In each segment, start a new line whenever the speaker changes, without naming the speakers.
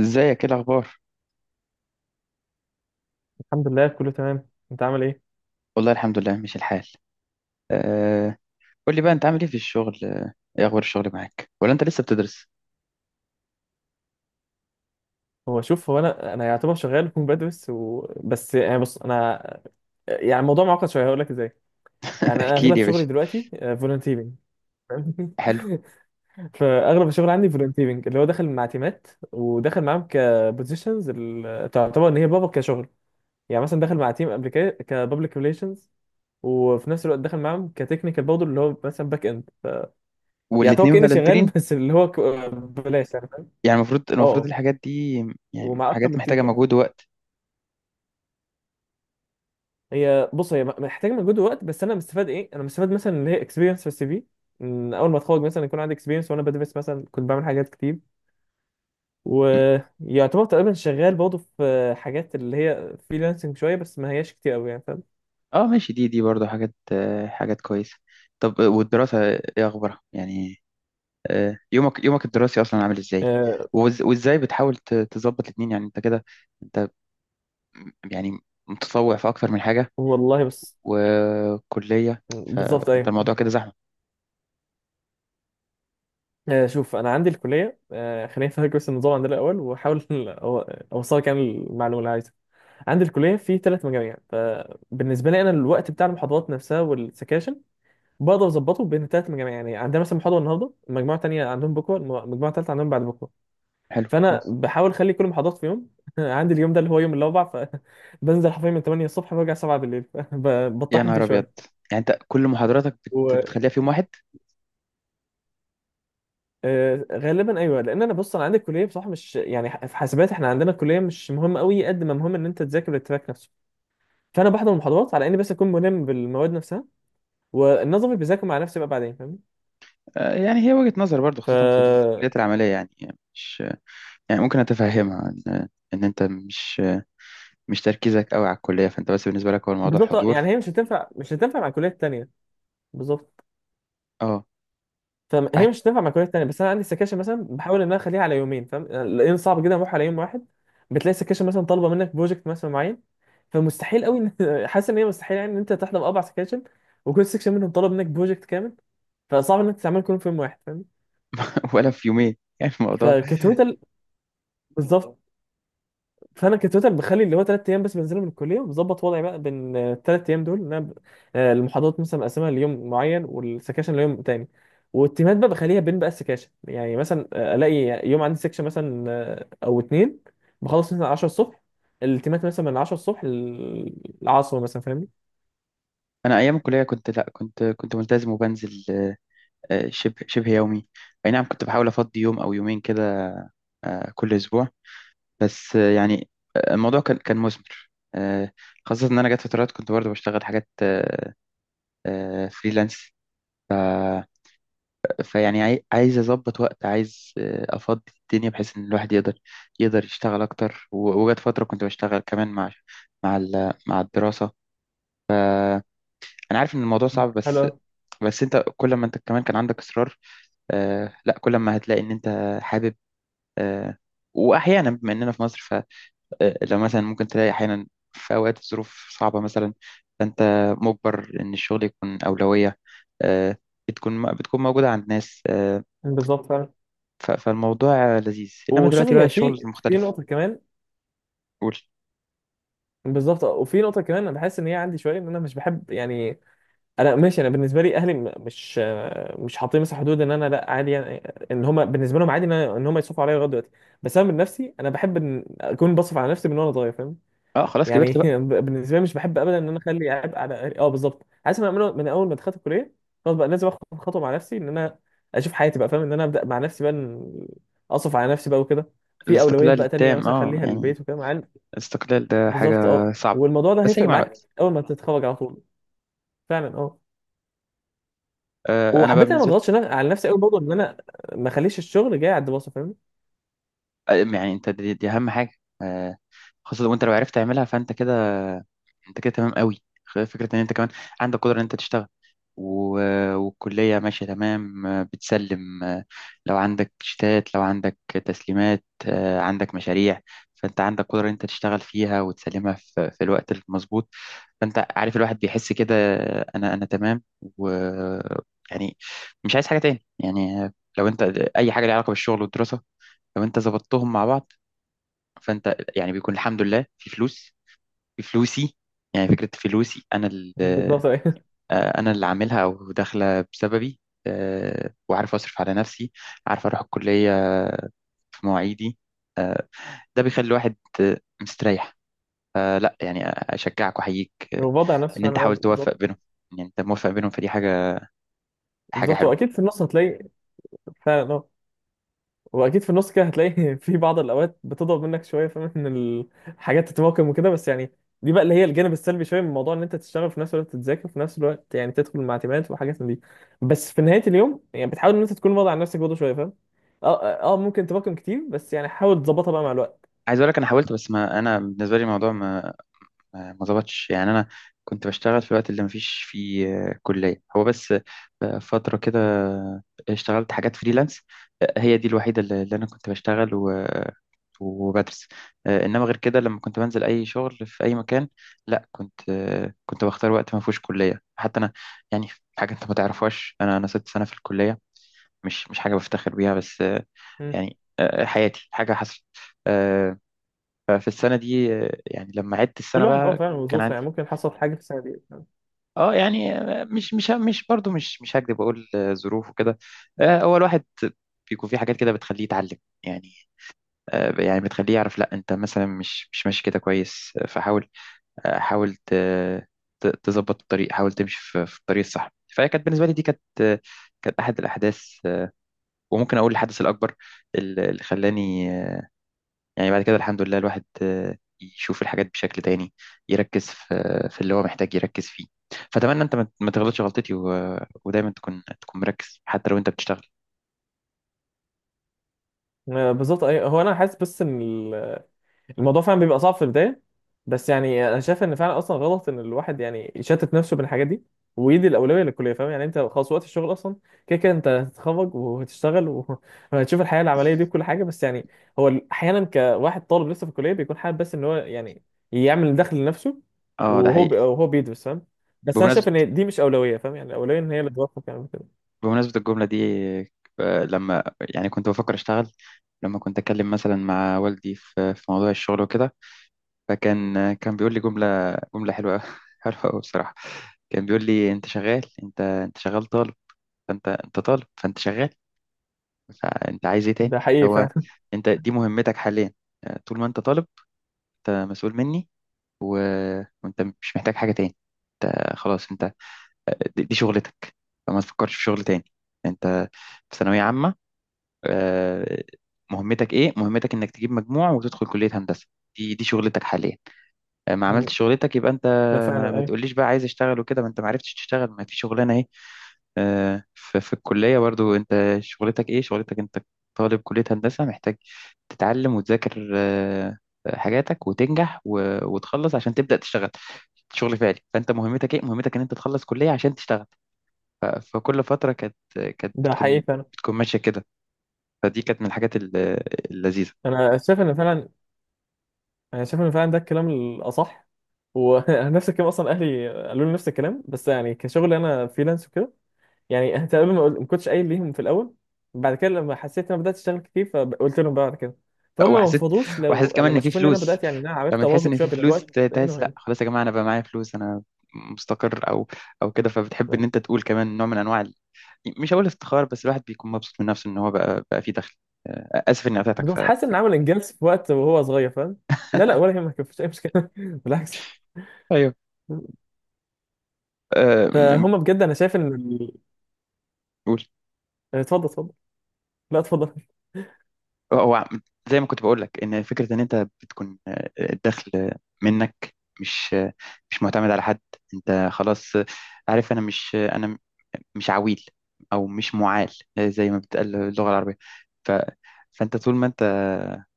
ازيك؟ ايه الاخبار؟
الحمد لله كله تمام، انت عامل ايه؟
والله الحمد لله ماشي الحال. أه. قول لي بقى، انت عامل ايه في الشغل؟ ايه اخبار الشغل معاك؟ ولا انت لسه بتدرس؟
هو شوف هو انا يعتبر شغال كون بدرس بس يعني بص انا يعني الموضوع معقد شويه، هقول لك ازاي. يعني انا
احكي
اغلب
لي يا باشا.
شغلي دلوقتي فولنتيرنج. فاهم؟
حلو.
فاغلب الشغل عندي فولنتيرنج، اللي هو داخل مع تيمات وداخل معاهم كبوزيشنز. تعتبر ان هي بابا كشغل. يعني مثلا داخل مع تيم كبابليك ريليشنز، وفي نفس الوقت داخل معاهم كتكنيكال برضه اللي هو مثلا باك اند. يعني هو
والاتنين
كاني شغال
فالنترين؟
بس بلاش، يعني فاهم؟
يعني المفروض
اه
المفروض
آه.
الحاجات دي، يعني
ومع اكتر
حاجات
من تيم
محتاجة
برضه.
مجهود ووقت.
هي بص هي محتاجه مجهود ووقت، بس انا مستفاد ايه؟ انا مستفاد مثلا اللي هي اكسبيرينس في السي في. إن اول ما اتخرج مثلا يكون عندي اكسبيرينس، وانا بدرس مثلا كنت بعمل حاجات كتير.
م-
ويعتبر تقريبا شغال برضه في حاجات اللي هي فريلانسنج شويه، بس ما هياش كتير قوي يعني، فاهم؟
اه، ماشي. دي برضه حاجات، حاجات كويسة. طب، والدراسة ايه اخبارها يعني؟ يومك الدراسي اصلا عامل ازاي؟
أه.
وازاي بتحاول تظبط الاتنين يعني؟ انت كده، انت، يعني متطوع في اكتر من حاجة
والله بس.
وكلية.
بالظبط
فأنت
ايوه.
الموضوع كده زحمة.
أه شوف انا عندي الكليه، أه خليني افهمك بس النظام عندنا الاول، واحاول اوصلك يعني المعلومه اللي عايزها. عندي الكليه في ثلاث مجاميع، فبالنسبه لي انا الوقت بتاع المحاضرات نفسها والسكاشن بقدر اظبطه بين الثلاث مجاميع. يعني عندنا مثلا محاضره النهارده، المجموعه الثانيه عندهم بكره، المجموعه الثالثه عندهم بعد بكره.
حلو،
فانا
كويس.
بحاول اخلي كل المحاضرات في يوم. عندي اليوم ده اللي هو يوم الاربع، فبنزل حرفيا من 8 الصبح برجع 7 بالليل
يا
بطحن فيه
نهار أبيض!
شويه.
يعني أنت كل محاضراتك بتخليها في يوم واحد؟
وغالبا ايوه، لان انا بص انا عندي الكليه بصراحه مش يعني في حاسبات احنا عندنا الكليه مش مهمه قوي قد ما مهم ان انت تذاكر التراك نفسه. فانا بحضر المحاضرات على اني بس اكون ملم بالمواد نفسها، والنظري بذاكر مع نفسي بقى بعدين، فاهمني؟
يعني هي وجهة نظر برضو،
ف
خاصة في الكليات العملية، يعني مش، يعني ممكن أتفهمها، إن إن أنت مش تركيزك قوي على الكلية، فأنت بس بالنسبة لك هو الموضوع
بالظبط آه، يعني
حضور.
هي مش هتنفع، مش هتنفع مع الكليات التانيه. بالظبط.
أه.
فهي
قاعد.
مش هتنفع مع كليات تانية، بس انا عندي سكاشن مثلا بحاول ان انا اخليها على يومين فاهم، لان صعب جدا اروح على يوم واحد. بتلاقي سكاشن مثلا طالبه منك بروجكت مثلا معين، فمستحيل قوي ان حاسس ان هي مستحيل يعني ان انت تحضر اربع سكاشن وكل سكشن منهم طالب منك بروجكت كامل. فصعب انك تعمل كلهم في يوم واحد، فاهم؟
ولا في يومين، يعني الموضوع.
فكتوتال، بالظبط. فانا كتوتال بخلي اللي هو ثلاث ايام بس بنزلهم من الكليه، وبظبط وضعي بقى بين الثلاث ايام دول ان انا آه، المحاضرات مثلا مقسمها ليوم معين والسكاشن ليوم تاني، والتيمات بقى بخليها بين بقى السكاشن. يعني مثلا آه، الاقي يوم عندي سكشن مثلا آه، او اتنين، بخلص مثلا 10 الصبح، التيمات مثلا من 10 الصبح للعصر مثلا، فاهمني؟
أنا أيام الكلية كنت لأ، كنت ملتزم وبنزل، شبه، شبه يومي. أي نعم، كنت بحاول أفضي يوم أو يومين كده، كل أسبوع. بس، يعني، الموضوع كان مثمر. آه، خاصة إن أنا جت فترات كنت برضه بشتغل حاجات، فريلانس. فيعني عايز أظبط وقت، عايز أفضي الدنيا بحيث إن الواحد يقدر، يقدر يشتغل أكتر. وجت فترة كنت بشتغل كمان مع، مع الدراسة. أنا عارف إن الموضوع صعب،
حلو
بس
أوي.
بس أنت كل ما أنت كمان كان عندك إصرار. لا، كل ما هتلاقي إن أنت حابب. آه، وأحيانا بما إننا في مصر، لو مثلا ممكن تلاقي أحيانا في أوقات الظروف صعبة مثلا، فأنت مجبر إن الشغل يكون أولوية. آه، بتكون موجودة عند ناس.
بالظبط فعلا.
فالموضوع لذيذ، إنما
وشوف
دلوقتي بقى
هي
الشغل
في في
مختلف.
نقطه كمان.
قول.
بالظبط، وفي نقطه كمان انا بحس ان هي عندي شويه ان انا مش بحب يعني، انا ماشي انا بالنسبه لي اهلي مش، مش حاطين مثلا حدود ان انا لا عادي يعني، ان هم بالنسبه لهم عادي ان ان هم يصرفوا عليا لغايه دلوقتي. بس انا من نفسي انا بحب ان اكون بصرف على نفسي من وانا صغير، فاهم؟
اه، خلاص،
يعني
كبرت بقى.
بالنسبه لي مش بحب ابدا ان انا اخلي عبء على أهلي. اه بالظبط، عايز انا اعمله من اول ما دخلت الكليه. خلاص بقى لازم اخد خطوه مع نفسي ان انا اشوف حياتي بقى، فاهم؟ ان انا ابدا مع نفسي بقى، إن اصرف على نفسي بقى وكده. في اولويات
الاستقلال
بقى تانيه
التام،
مثلا
اه
اخليها
يعني
للبيت وكده، مع
الاستقلال ده حاجة
بالظبط اه.
صعبة،
والموضوع ده
بس هيجي
هيفرق
مع
معاك
الوقت.
اول ما تتخرج على طول. فعلا اه.
أنا بقى
وحبيت انا ما
بالنسبة لي.
اضغطش على نفسي قوي برضه ان انا ما اخليش الشغل جاي على الدراسه، فاهم؟
يعني أنت دي أهم حاجة. آه، خاصة وأنت لو عرفت تعملها فأنت كده، انت كده تمام قوي. فكره ان انت كمان عندك قدره ان انت تشتغل، و... والكليه ماشيه تمام، بتسلم. لو عندك شتات، لو عندك تسليمات، عندك مشاريع، فانت عندك قدره ان انت تشتغل فيها وتسلمها في الوقت المظبوط. فانت عارف الواحد بيحس كده، انا، انا تمام و يعني، مش عايز حاجه تاني يعني. لو انت اي حاجه ليها علاقه بالشغل والدراسه، لو انت ظبطتهم مع بعض فانت يعني بيكون الحمد لله في فلوس. بفلوسي، يعني فكرة فلوسي أنا اللي،
بالظبط ايه
أنا اللي عاملها أو داخلة بسببي. وعارف أصرف على نفسي، عارف أروح الكلية في مواعيدي. آه، ده بيخلي الواحد مستريح. لا يعني أشجعك وأحييك.
وبضع نفسي
إن
فعلا،
أنت حاول
اه
توفق
بالظبط.
بينهم، يعني أنت موفق بينهم فدي حاجة، حاجة
بالظبط،
حلوة.
واكيد في النص هتلاقي. فعلا اه. واكيد في النص كده هتلاقي في بعض الاوقات بتضرب منك شويه، فاهم؟ ان الحاجات تتراكم وكده بس يعني، دي بقى اللي هي الجانب السلبي شويه من موضوع ان انت تشتغل في نفس الوقت تذاكر في نفس الوقت، يعني تدخل مع تيمات وحاجات من دي. بس في نهايه اليوم يعني بتحاول ان انت تكون واضع على نفسك برضه شويه، فاهم؟ اه اه آه، ممكن تراكم كتير بس يعني حاول تظبطها بقى مع الوقت.
عايز أقول لك أنا حاولت، بس ما أنا بالنسبة لي الموضوع ما ظبطش يعني. انا كنت بشتغل في الوقت اللي مفيش فيه كلية. هو بس، فترة كده، اشتغلت حاجات فريلانس. هي دي الوحيدة اللي انا كنت بشتغل، وبدرس. انما غير كده لما كنت بنزل اي شغل في اي مكان، لا كنت، كنت بختار وقت ما فيهوش كلية. حتى انا يعني، حاجة انت ما تعرفهاش، انا، انا ست سنة في الكلية. مش حاجة بفتخر بيها، بس
مم.
يعني، حياتي حاجة حصلت. آه، ففي السنة دي، يعني لما عدت السنة
كل واحد اه
بقى
فعلا
كان
وظروفه، يعني
عندي،
ممكن حصل حاجه في السنه دي.
اه يعني مش برضه مش هكدب اقول، ظروف وكده. هو الواحد بيكون في حاجات كده بتخليه يتعلم يعني، يعني بتخليه يعرف لا انت مثلا، مش ماشي كده كويس. فحاول، حاول تظبط الطريق، حاول تمشي في الطريق الصح. فهي كانت بالنسبه لي، دي كانت، كانت احد الاحداث، وممكن اقول الحدث الاكبر اللي خلاني، يعني بعد كده الحمد لله الواحد يشوف الحاجات بشكل تاني، يركز في، في اللي هو محتاج يركز فيه. فأتمنى أنت ما تغلطش غلطتي، ودايما تكون، تكون مركز حتى لو أنت بتشتغل.
آه، بالظبط ايوه. هو انا حاسس بس ان الموضوع فعلا بيبقى صعب في البدايه. بس يعني انا شايف ان فعلا اصلا غلط ان الواحد يعني يشتت نفسه بين الحاجات دي ويدي الاولويه للكليه، فاهم؟ يعني انت خلاص وقت الشغل اصلا كده كده انت هتتخرج وهتشتغل وهتشوف الحياه العمليه دي وكل حاجه. بس يعني هو احيانا كواحد طالب لسه في الكليه بيكون حابب بس ان هو يعني يعمل دخل لنفسه،
اه ده حقيقي.
وهو بيدرس، فاهم؟ بس انا شايف
بمناسبة،
ان دي مش اولويه، فاهم؟ يعني الاولويه ان هي اللي توفق يعني كده.
بمناسبة الجملة دي، لما يعني كنت بفكر أشتغل، لما كنت أتكلم مثلا مع والدي في في موضوع الشغل وكده، فكان، كان بيقول لي جملة، جملة حلوة حلوة أوي بصراحة. كان بيقول لي أنت شغال، أنت، أنت شغال طالب، فأنت، أنت طالب فأنت شغال، فانت عايز ايه
ده
تاني؟
حقيقي
هو
فعلا.
انت دي مهمتك حاليا. طول ما انت طالب، انت مسؤول مني، و... وانت مش محتاج حاجة تاني. انت خلاص، انت دي، دي شغلتك. فما تفكرش في شغل تاني. انت في ثانوية عامة، آه، مهمتك ايه؟ مهمتك انك تجيب مجموع وتدخل كلية هندسة. دي، دي شغلتك حاليا. ما عملتش شغلتك يبقى انت،
ده فعلا
ما
ايوه.
تقوليش بقى عايز اشتغل وكده. ما انت ما عرفتش تشتغل، ما في شغلانة. في الكلية برضو انت شغلتك ايه؟ شغلتك انت طالب كلية هندسة، محتاج تتعلم وتذاكر حاجاتك وتنجح وتخلص عشان تبدأ تشتغل شغل فعلي. فانت مهمتك ايه؟ مهمتك ان انت تخلص كلية عشان تشتغل. فكل فترة كانت، كانت
ده حقيقي
بتكون،
فعلا.
بتكون ماشية كده. فدي كانت من الحاجات اللذيذة.
انا شايف ان فعلا انا شايف ان فعلا ده الكلام الاصح. ونفس الكلام اصلا اهلي قالوا لي نفس الكلام، بس يعني كشغل انا فريلانس وكده. يعني انت قبل ما ما كنتش قايل ليهم في الاول، بعد كده لما حسيت ان انا بدات اشتغل كتير فقلت لهم بقى بعد كده. فهم ما
وحسيت،
انفضوش
وحسيت
لو
كمان ان
لما
في
شافوني ان انا
فلوس.
بدات يعني إن انا عرفت
لما تحس
اواظب
ان
شويه
في
بين
فلوس،
الوقت هنا
تحس لا
وهنا.
خلاص يا جماعة انا بقى معايا فلوس، انا مستقر، او كده. فبتحب ان انت تقول كمان نوع من انواع، مش هقول افتخار، بس الواحد بيكون مبسوط من نفسه ان هو بقى فيه دخل. اسف اني قطعتك ف.
بالظبط، حاسس ان عامل انجاز في وقت وهو صغير، فاهم؟ لا لا، ولا يهمك مفيش اي مشكله بالعكس.
ايوه، آه، م- م-
فهم بجد انا شايف ان
قول.
إيه، اتفضل اتفضل. لا اتفضل.
هو عم- زي ما كنت بقول لك، ان فكره ان انت بتكون الدخل منك، مش، مش معتمد على حد. انت خلاص، عارف انا مش، انا مش عويل او مش معال، زي ما بتقال اللغه العربيه. ف... فانت طول ما انت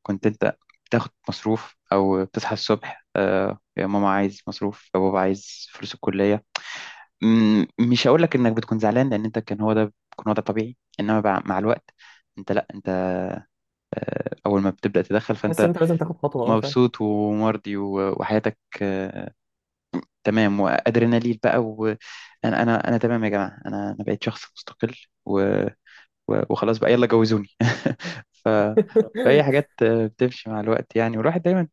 كنت، انت بتاخد مصروف او بتصحى الصبح، يا ماما عايز مصروف، يا بابا عايز فلوس الكليه. مم، مش هقول لك انك بتكون زعلان لان انت كان هو ده، كان هو ده طبيعي. انما مع الوقت، انت لا انت اول ما بتبدا تدخل،
حاسس ان
فانت
انت لازم تاخد خطوه، اه فاهم.
مبسوط ومرضي، وحياتك تمام، وادرينالين بقى، وانا، انا تمام يا جماعه، انا، انا بقيت شخص مستقل، و- وخلاص بقى يلا جوزوني ف. فهي حاجات بتمشي مع الوقت يعني. والواحد دايما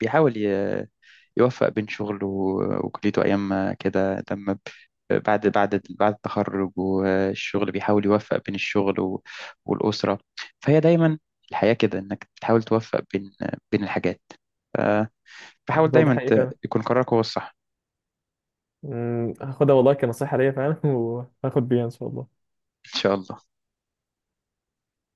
بيحاول يوفق بين شغله وكليته، أيام ما كده لما بعد، بعد التخرج والشغل، بيحاول يوفق بين الشغل والأسرة. فهي دايما الحياة كده، إنك تحاول توفق بين، بين الحاجات. ف- فحاول
بالظبط، ده
دايما
حقيقي فعلا.
يكون قرارك هو الصح.
مم، هاخدها والله كنصيحة ليا فعلا وهاخد بيها إن شاء الله.
إن شاء الله.